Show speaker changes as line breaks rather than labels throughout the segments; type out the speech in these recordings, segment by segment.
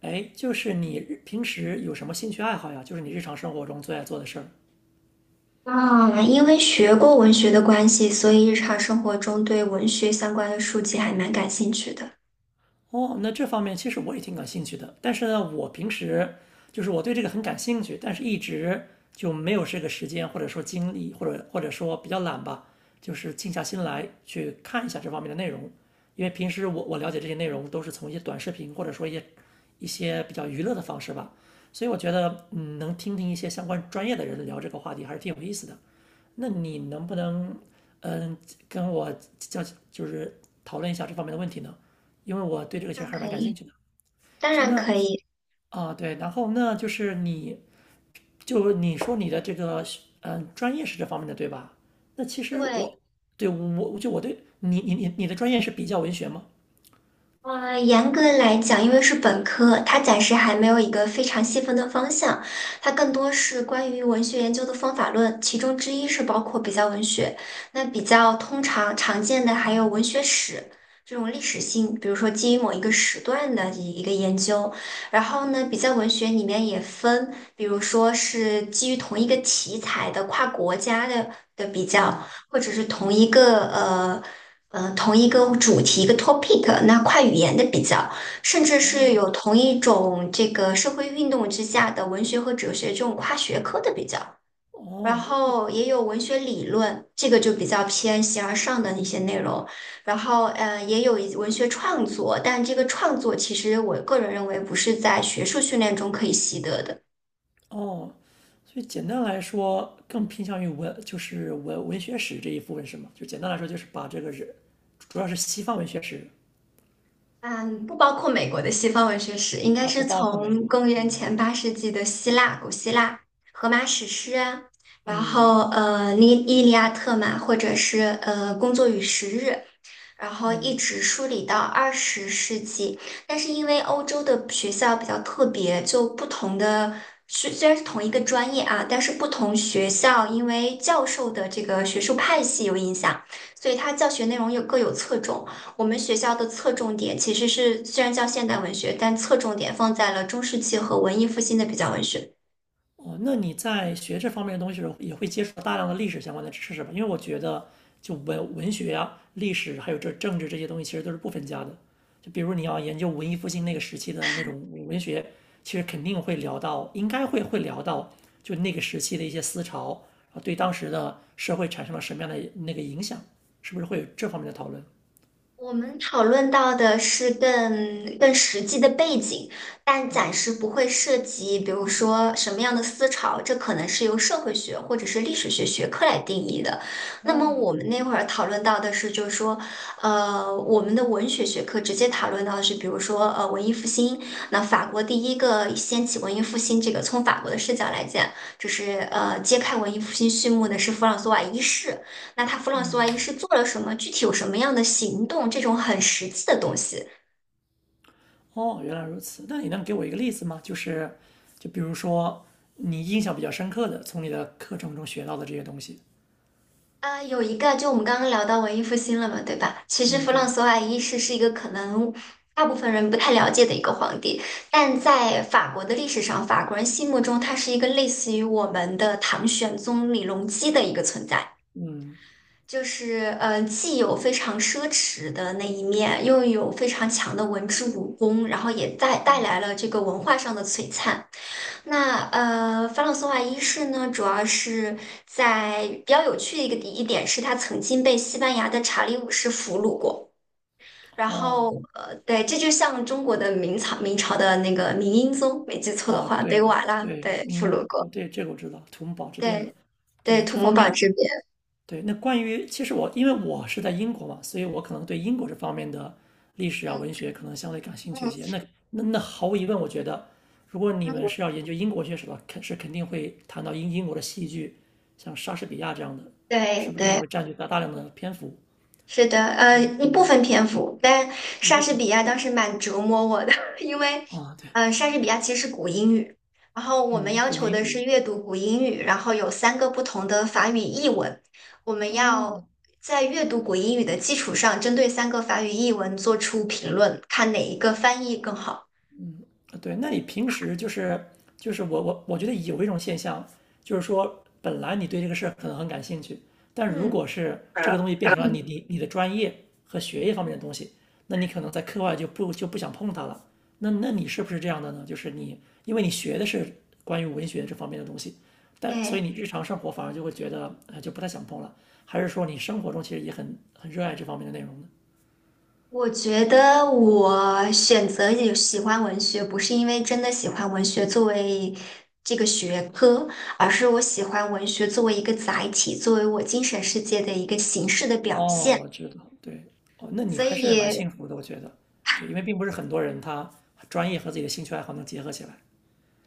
哎，就是你平时有什么兴趣爱好呀？就是你日常生活中最爱做的事儿。
啊，因为学过文学的关系，所以日常生活中对文学相关的书籍还蛮感兴趣的。
哦，那这方面其实我也挺感兴趣的，但是呢，我平时就是我对这个很感兴趣，但是一直就没有这个时间，或者说精力，或者说比较懒吧，就是静下心来去看一下这方面的内容。因为平时我了解这些内容都是从一些短视频，或者说一些比较娱乐的方式吧，所以我觉得能听听一些相关专业的人聊这个话题还是挺有意思的。那你能不能嗯跟我交，就是讨论一下这方面的问题呢？因为我对这个其实
那
还是
可
蛮感兴
以，
趣的。
当
行，
然
那
可以。
啊，对，然后那就是你就你说你的这个专业是这方面的对吧？那其实
对。
我对，我就我对你的专业是比较文学吗？
严格来讲，因为是本科，它暂时还没有一个非常细分的方向，它更多是关于文学研究的方法论，其中之一是包括比较文学。那比较通常常见的还有文学史这种历史性，比如说基于某一个时段的一个研究。然后呢，比较文学里面也分，比如说是基于同一个题材的跨国家的比较，
嗯，
或者是同一个主题、一个 topic，那跨语言的比较，甚至是
哦，
有同一种这个社会运动之下的文学和哲学这种跨学科的比较，然
哦不，
后也有文学理论，这个就比较偏形而上的一些内容，然后也有一文学创作，但这个创作其实我个人认为不是在学术训练中可以习得的。
哦，所以简单来说，更偏向于文，就是文学史这一部分是吗？就简单来说，就是把这个人，主要是西方文学史
嗯，不包括美国的西方文学史，应该
啊，不
是
包括美
从
国。
公元
嗯，
前8世纪的希腊、古希腊、荷马史诗啊。然
嗯，
后《伊利亚特》嘛，或者是《工作与时日》。然后一
嗯，
直梳理到20世纪。但是因为欧洲的学校比较特别，就不同的，虽然是同一个专业啊，但是不同学校因为教授的这个学术派系有影响，所以它教学内容又各有侧重。我们学校的侧重点其实是虽然叫现代文学，但侧重点放在了中世纪和文艺复兴的比较文学。
哦，那你在学这方面的东西的时候，也会接触到大量的历史相关的知识吧？因为我觉得，就文学啊、历史还有这政治这些东西，其实都是不分家的。就比如你要研究文艺复兴那个时期的那种文学，其实肯定会聊到，应该会聊到，就那个时期的一些思潮，啊，对当时的社会产生了什么样的那个影响，是不是会有这方面的讨论？
我们讨论到的是更实际的背景，但暂时不会涉及，比如说什么样的思潮，这可能是由社会学或者是历史学学科来定义的。那么我们那会儿讨论到的是，就是说，我们的文学学科直接讨论到的是，比如说，文艺复兴。那法国第一个掀起文艺复兴这个，从法国的视角来讲，就是揭开文艺复兴序幕的是弗朗索瓦一世。那他弗朗索瓦一世做了什么？具体有什么样的行动？这种很实际的东西。
哦，原来如此。那你能给我一个例子吗？就是，就比如说你印象比较深刻的，从你的课程中学到的这些东西。
啊、有一个，就我们刚刚聊到文艺复兴了嘛，对吧？其实
嗯，
弗朗
对，
索瓦一世是一个可能大部分人不太了解的一个皇帝，但在法国的历史上，法国人心目中他是一个类似于我们的唐玄宗李隆基的一个存在。
嗯，
就是既有非常奢侈的那一面，又有非常强的文治武功，然后也带来了这个文化上的璀璨。那法朗索瓦一世呢，主要是在比较有趣的一个一点是，他曾经被西班牙的查理五世俘虏过。然
哦，
后对，这就像中国的明朝的那个明英宗，没记错的
哦，
话，被
对，
瓦剌
对，
对
民
俘
众，
虏过。
我对这个我知道，土木堡之变嘛。
对对，
对，这
土木
方
堡
面，
之变，
对，那关于，其实我因为我是在英国嘛，所以我可能对英国这方面的历史啊、文学可能相对感兴趣一
嗯
些。那，那那毫无疑问，我觉得如果你们
嗯，
是要研究英国学史的话，肯是肯定会谈到英国的戏剧，像莎士比亚这样的，是
对
不是也
对。
会占据大量的篇幅
是的，一部分篇幅，但
一
莎
部
士
分
比亚当时蛮折磨我的，因为，
啊？对，
莎士比亚其实是古英语，然后我们
嗯，
要
古
求
英
的是
语，
阅读古英语，然后有三个不同的法语译文，我们要
哦，
在阅读古英语的基础上，针对三个法语译文做出评论，看哪一个翻译更好。
对，那你平时就是，就是我觉得有一种现象，就是说本来你对这个事儿可能很感兴趣，但如
嗯
果是这个东西变成了你
嗯，
你你的专业和学业方面的东西，那你可能在课外就不想碰它了。那，那你是不是这样的呢？就是你，因为你学的是关于文学这方面的东西，但所以
对。
你日常生活反而就会觉得就不太想碰了，还是说你生活中其实也很热爱这方面的内容呢？
我觉得我选择也喜欢文学，不是因为真的喜欢文学作为这个学科，而是我喜欢文学作为一个载体，作为我精神世界的一个形式的表
哦，
现。
我知道，对，哦，那你
所
还是蛮
以，
幸福的，我觉得，对，因为并不是很多人他专业和自己的兴趣爱好能结合起来。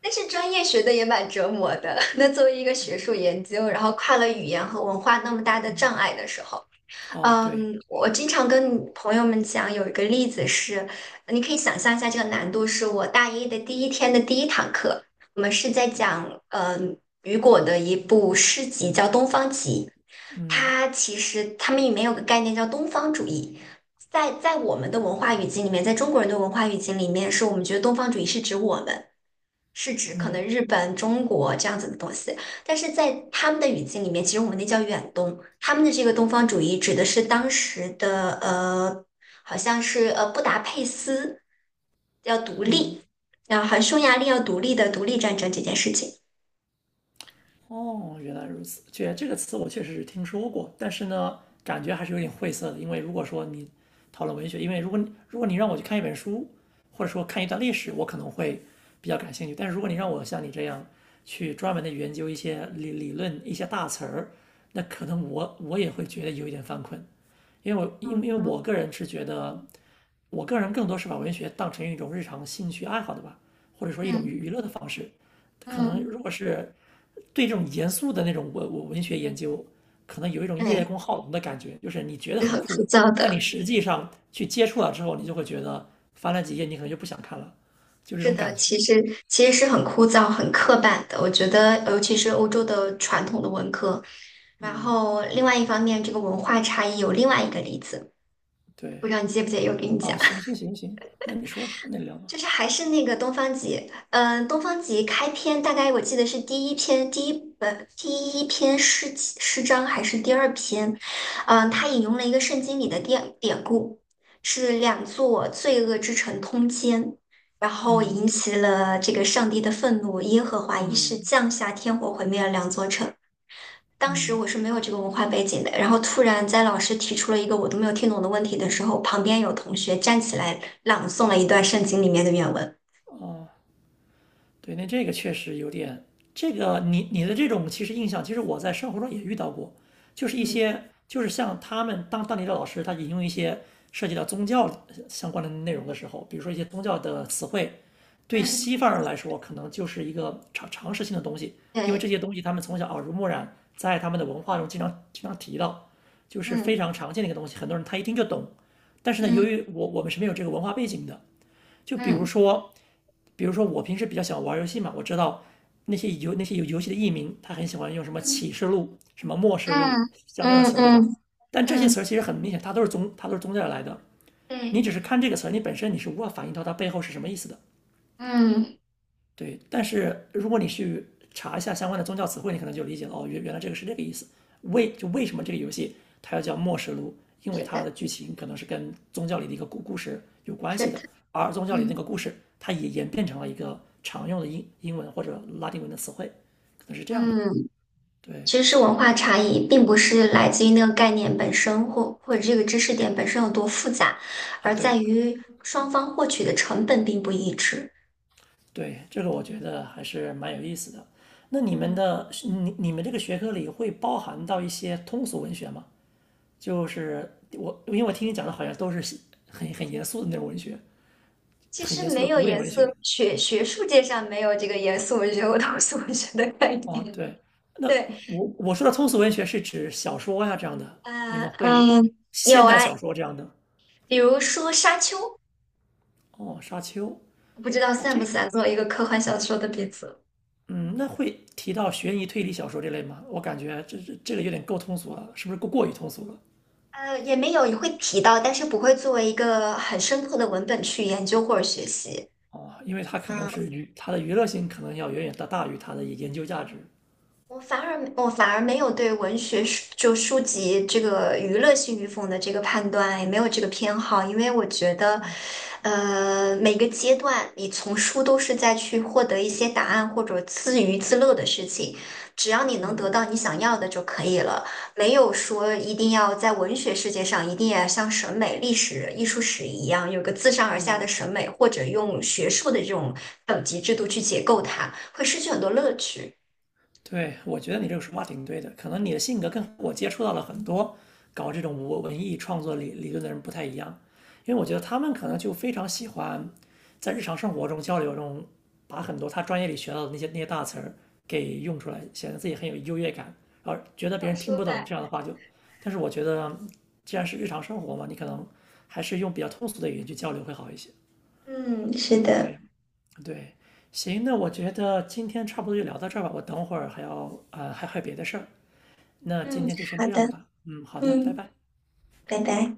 但是专业学的也蛮折磨的。那作为一个学术研究，然后跨了语言和文化那么大的障碍的时候。
哦，对，
嗯，我经常跟朋友们讲，有一个例子是，你可以想象一下这个难度，是我大一的第一天的第一堂课，我们是在讲，雨果的一部诗集叫《东方集》，
嗯，
它其实他们里面有个概念叫东方主义，在我们的文化语境里面，在中国人的文化语境里面，是我们觉得东方主义是指我们。是指可能
嗯。
日本、中国这样子的东西，但是在他们的语境里面，其实我们那叫远东，他们的这个东方主义指的是当时的呃，好像是布达佩斯要独立，然后好像匈牙利要独立的独立战争这件事情。
哦，原来如此。确，这个词我确实是听说过，但是呢，感觉还是有点晦涩的。因为如果说你讨论文学，因为如果你，如果你让我去看一本书，或者说看一段历史，我可能会比较感兴趣。但是如果你让我像你这样去专门的研究一些理论、一些大词儿，那可能我也会觉得有一点犯困，因为我，因为
嗯
我个人是觉得，我个人更多是把文学当成一种日常兴趣爱好的吧，或者说一种
嗯
娱乐的方式。可能
嗯，
如果是对这种严肃的那种，文，我文学研究，可能有一种叶
对，
公好龙的感觉，就是你觉得
是
很
很枯
酷，
燥
但
的。
你实际上去接触了之后，你就会觉得翻了几页你可能就不想看了，就这
是
种
的，
感觉。
其实是很枯燥、很刻板的。我觉得，尤其是欧洲的传统的文科。然
嗯，
后，另外一方面，这个文化差异有另外一个例子。不知
对，
道你介不介意我给你
啊，
讲。
行行行行，那你说吧，那你聊 吧。
就是还是那个东方极，东方极开篇大概我记得是第一篇，第一本第一篇诗集诗章还是第二篇，他引用了一个圣经里的典故，是两座罪恶之城通奸，然后引
嗯，
起了这个上帝的愤怒，耶和华一世
嗯，
降下天火毁灭了两座城，当时
嗯，
我是没有这个文化背景的，然后突然在老师提出了一个我都没有听懂的问题的时候，旁边有同学站起来朗诵了一段圣经里面的原文。
哦、对，那这个确实有点，这个你你的这种其实印象，其实我在生活中也遇到过，就是一
嗯
些，就是像他们当地的老师，他引用一些涉及到宗教相关的内容的时候，比如说一些宗教的词汇，对
嗯
西方人来说可能就是一个常识性的东西，因为
对，
这些东西他们从小耳濡目染，在他们的文化中经常提到，就是非
嗯
常常见的一个东西，很多人他一听就懂。但是呢，
嗯
由于我们是没有这个文化背景的，就比如
嗯
说比如说我平时比较喜欢玩游戏嘛，我知道那些游，那些游戏的艺名，他很喜欢用什么
嗯
启示录、什么末世录，
嗯
像这样的
嗯
词儿，对吧？
嗯
但这些
嗯，
词儿其实很明显，它都是宗教来的。你只
对，
是看这个词儿，你本身你是无法反映到它背后是什么意思的。
嗯，
对，但是如果你去查一下相关的宗教词汇，你可能就理解了，哦，原来这个是这个意思。为什么这个游戏它要叫《末世录》，因为
是
它
的，
的剧情可能是跟宗教里的一个故事有关
是
系
的。
的，而宗教里的那
嗯
个故事，它也演变成了一个常用的英文或者拉丁文的词汇，可能是这样的。
嗯
对
其实是文化差异，并不是来自于那个概念本身或这个知识点本身有多复杂，
啊，
而在
对，
于双方获取的成本并不一致。
对，这个我觉得还是蛮有意思的。那你们
嗯。
的你，你们这个学科里会包含到一些通俗文学吗？就是我，因为我听你讲的好像都是很严肃的那种文学，
其
很严
实
肃
没
的
有
古典
颜
文
色
学。
学术界上没有这个严肃文学和通俗文学的概
哦，
念。
对，那
对。
我说的通俗文学是指小说呀、这样的，你
呃
们会，
嗯，有
现代
啊，
小说这样的。
比如说《沙丘》，
哦，沙丘，
不知道
那
算不
这，
算作为一个科幻小说的鼻祖。
嗯，那会提到悬疑推理小说这类吗？我感觉这个有点够通俗了，是不是过于通俗了？
也没有也会提到，但是不会作为一个很深刻的文本去研究或者学习。
哦，因为它可能
嗯。
是娱，它的娱乐性可能要远远大于它的研究价值。
我反而没有对文学书就书籍这个娱乐性与否的这个判断，也没有这个偏好，因为我觉得，每个阶段你从书都是在去获得一些答案或者自娱自乐的事情，只要你能得到你想要的就可以了，没有说一定要在文学世界上一定要像审美、历史、艺术史一样有个自上而下的审美，或者用学术的这种等级制度去解构它，会失去很多乐趣。
对，我觉得你这个说法挺对的。可能你的性格跟我接触到了很多搞这种文艺创作理论的人不太一样，因为我觉得他们可能就非常喜欢在日常生活中交流中，把很多他专业里学到的那些大词儿给用出来，显得自己很有优越感，然后觉得别
要
人听
说
不懂这样的话就。但是我觉得，既然是日常生活嘛，你可能还是用比较通俗的语言去交流会好一些。
嗯，是的，
对，对，行，那我觉得今天差不多就聊到这儿吧，我等会儿还要，还有别的事儿，那今
嗯，
天就先
好
这样
的，
吧。嗯，好的，拜
嗯，
拜。
拜拜。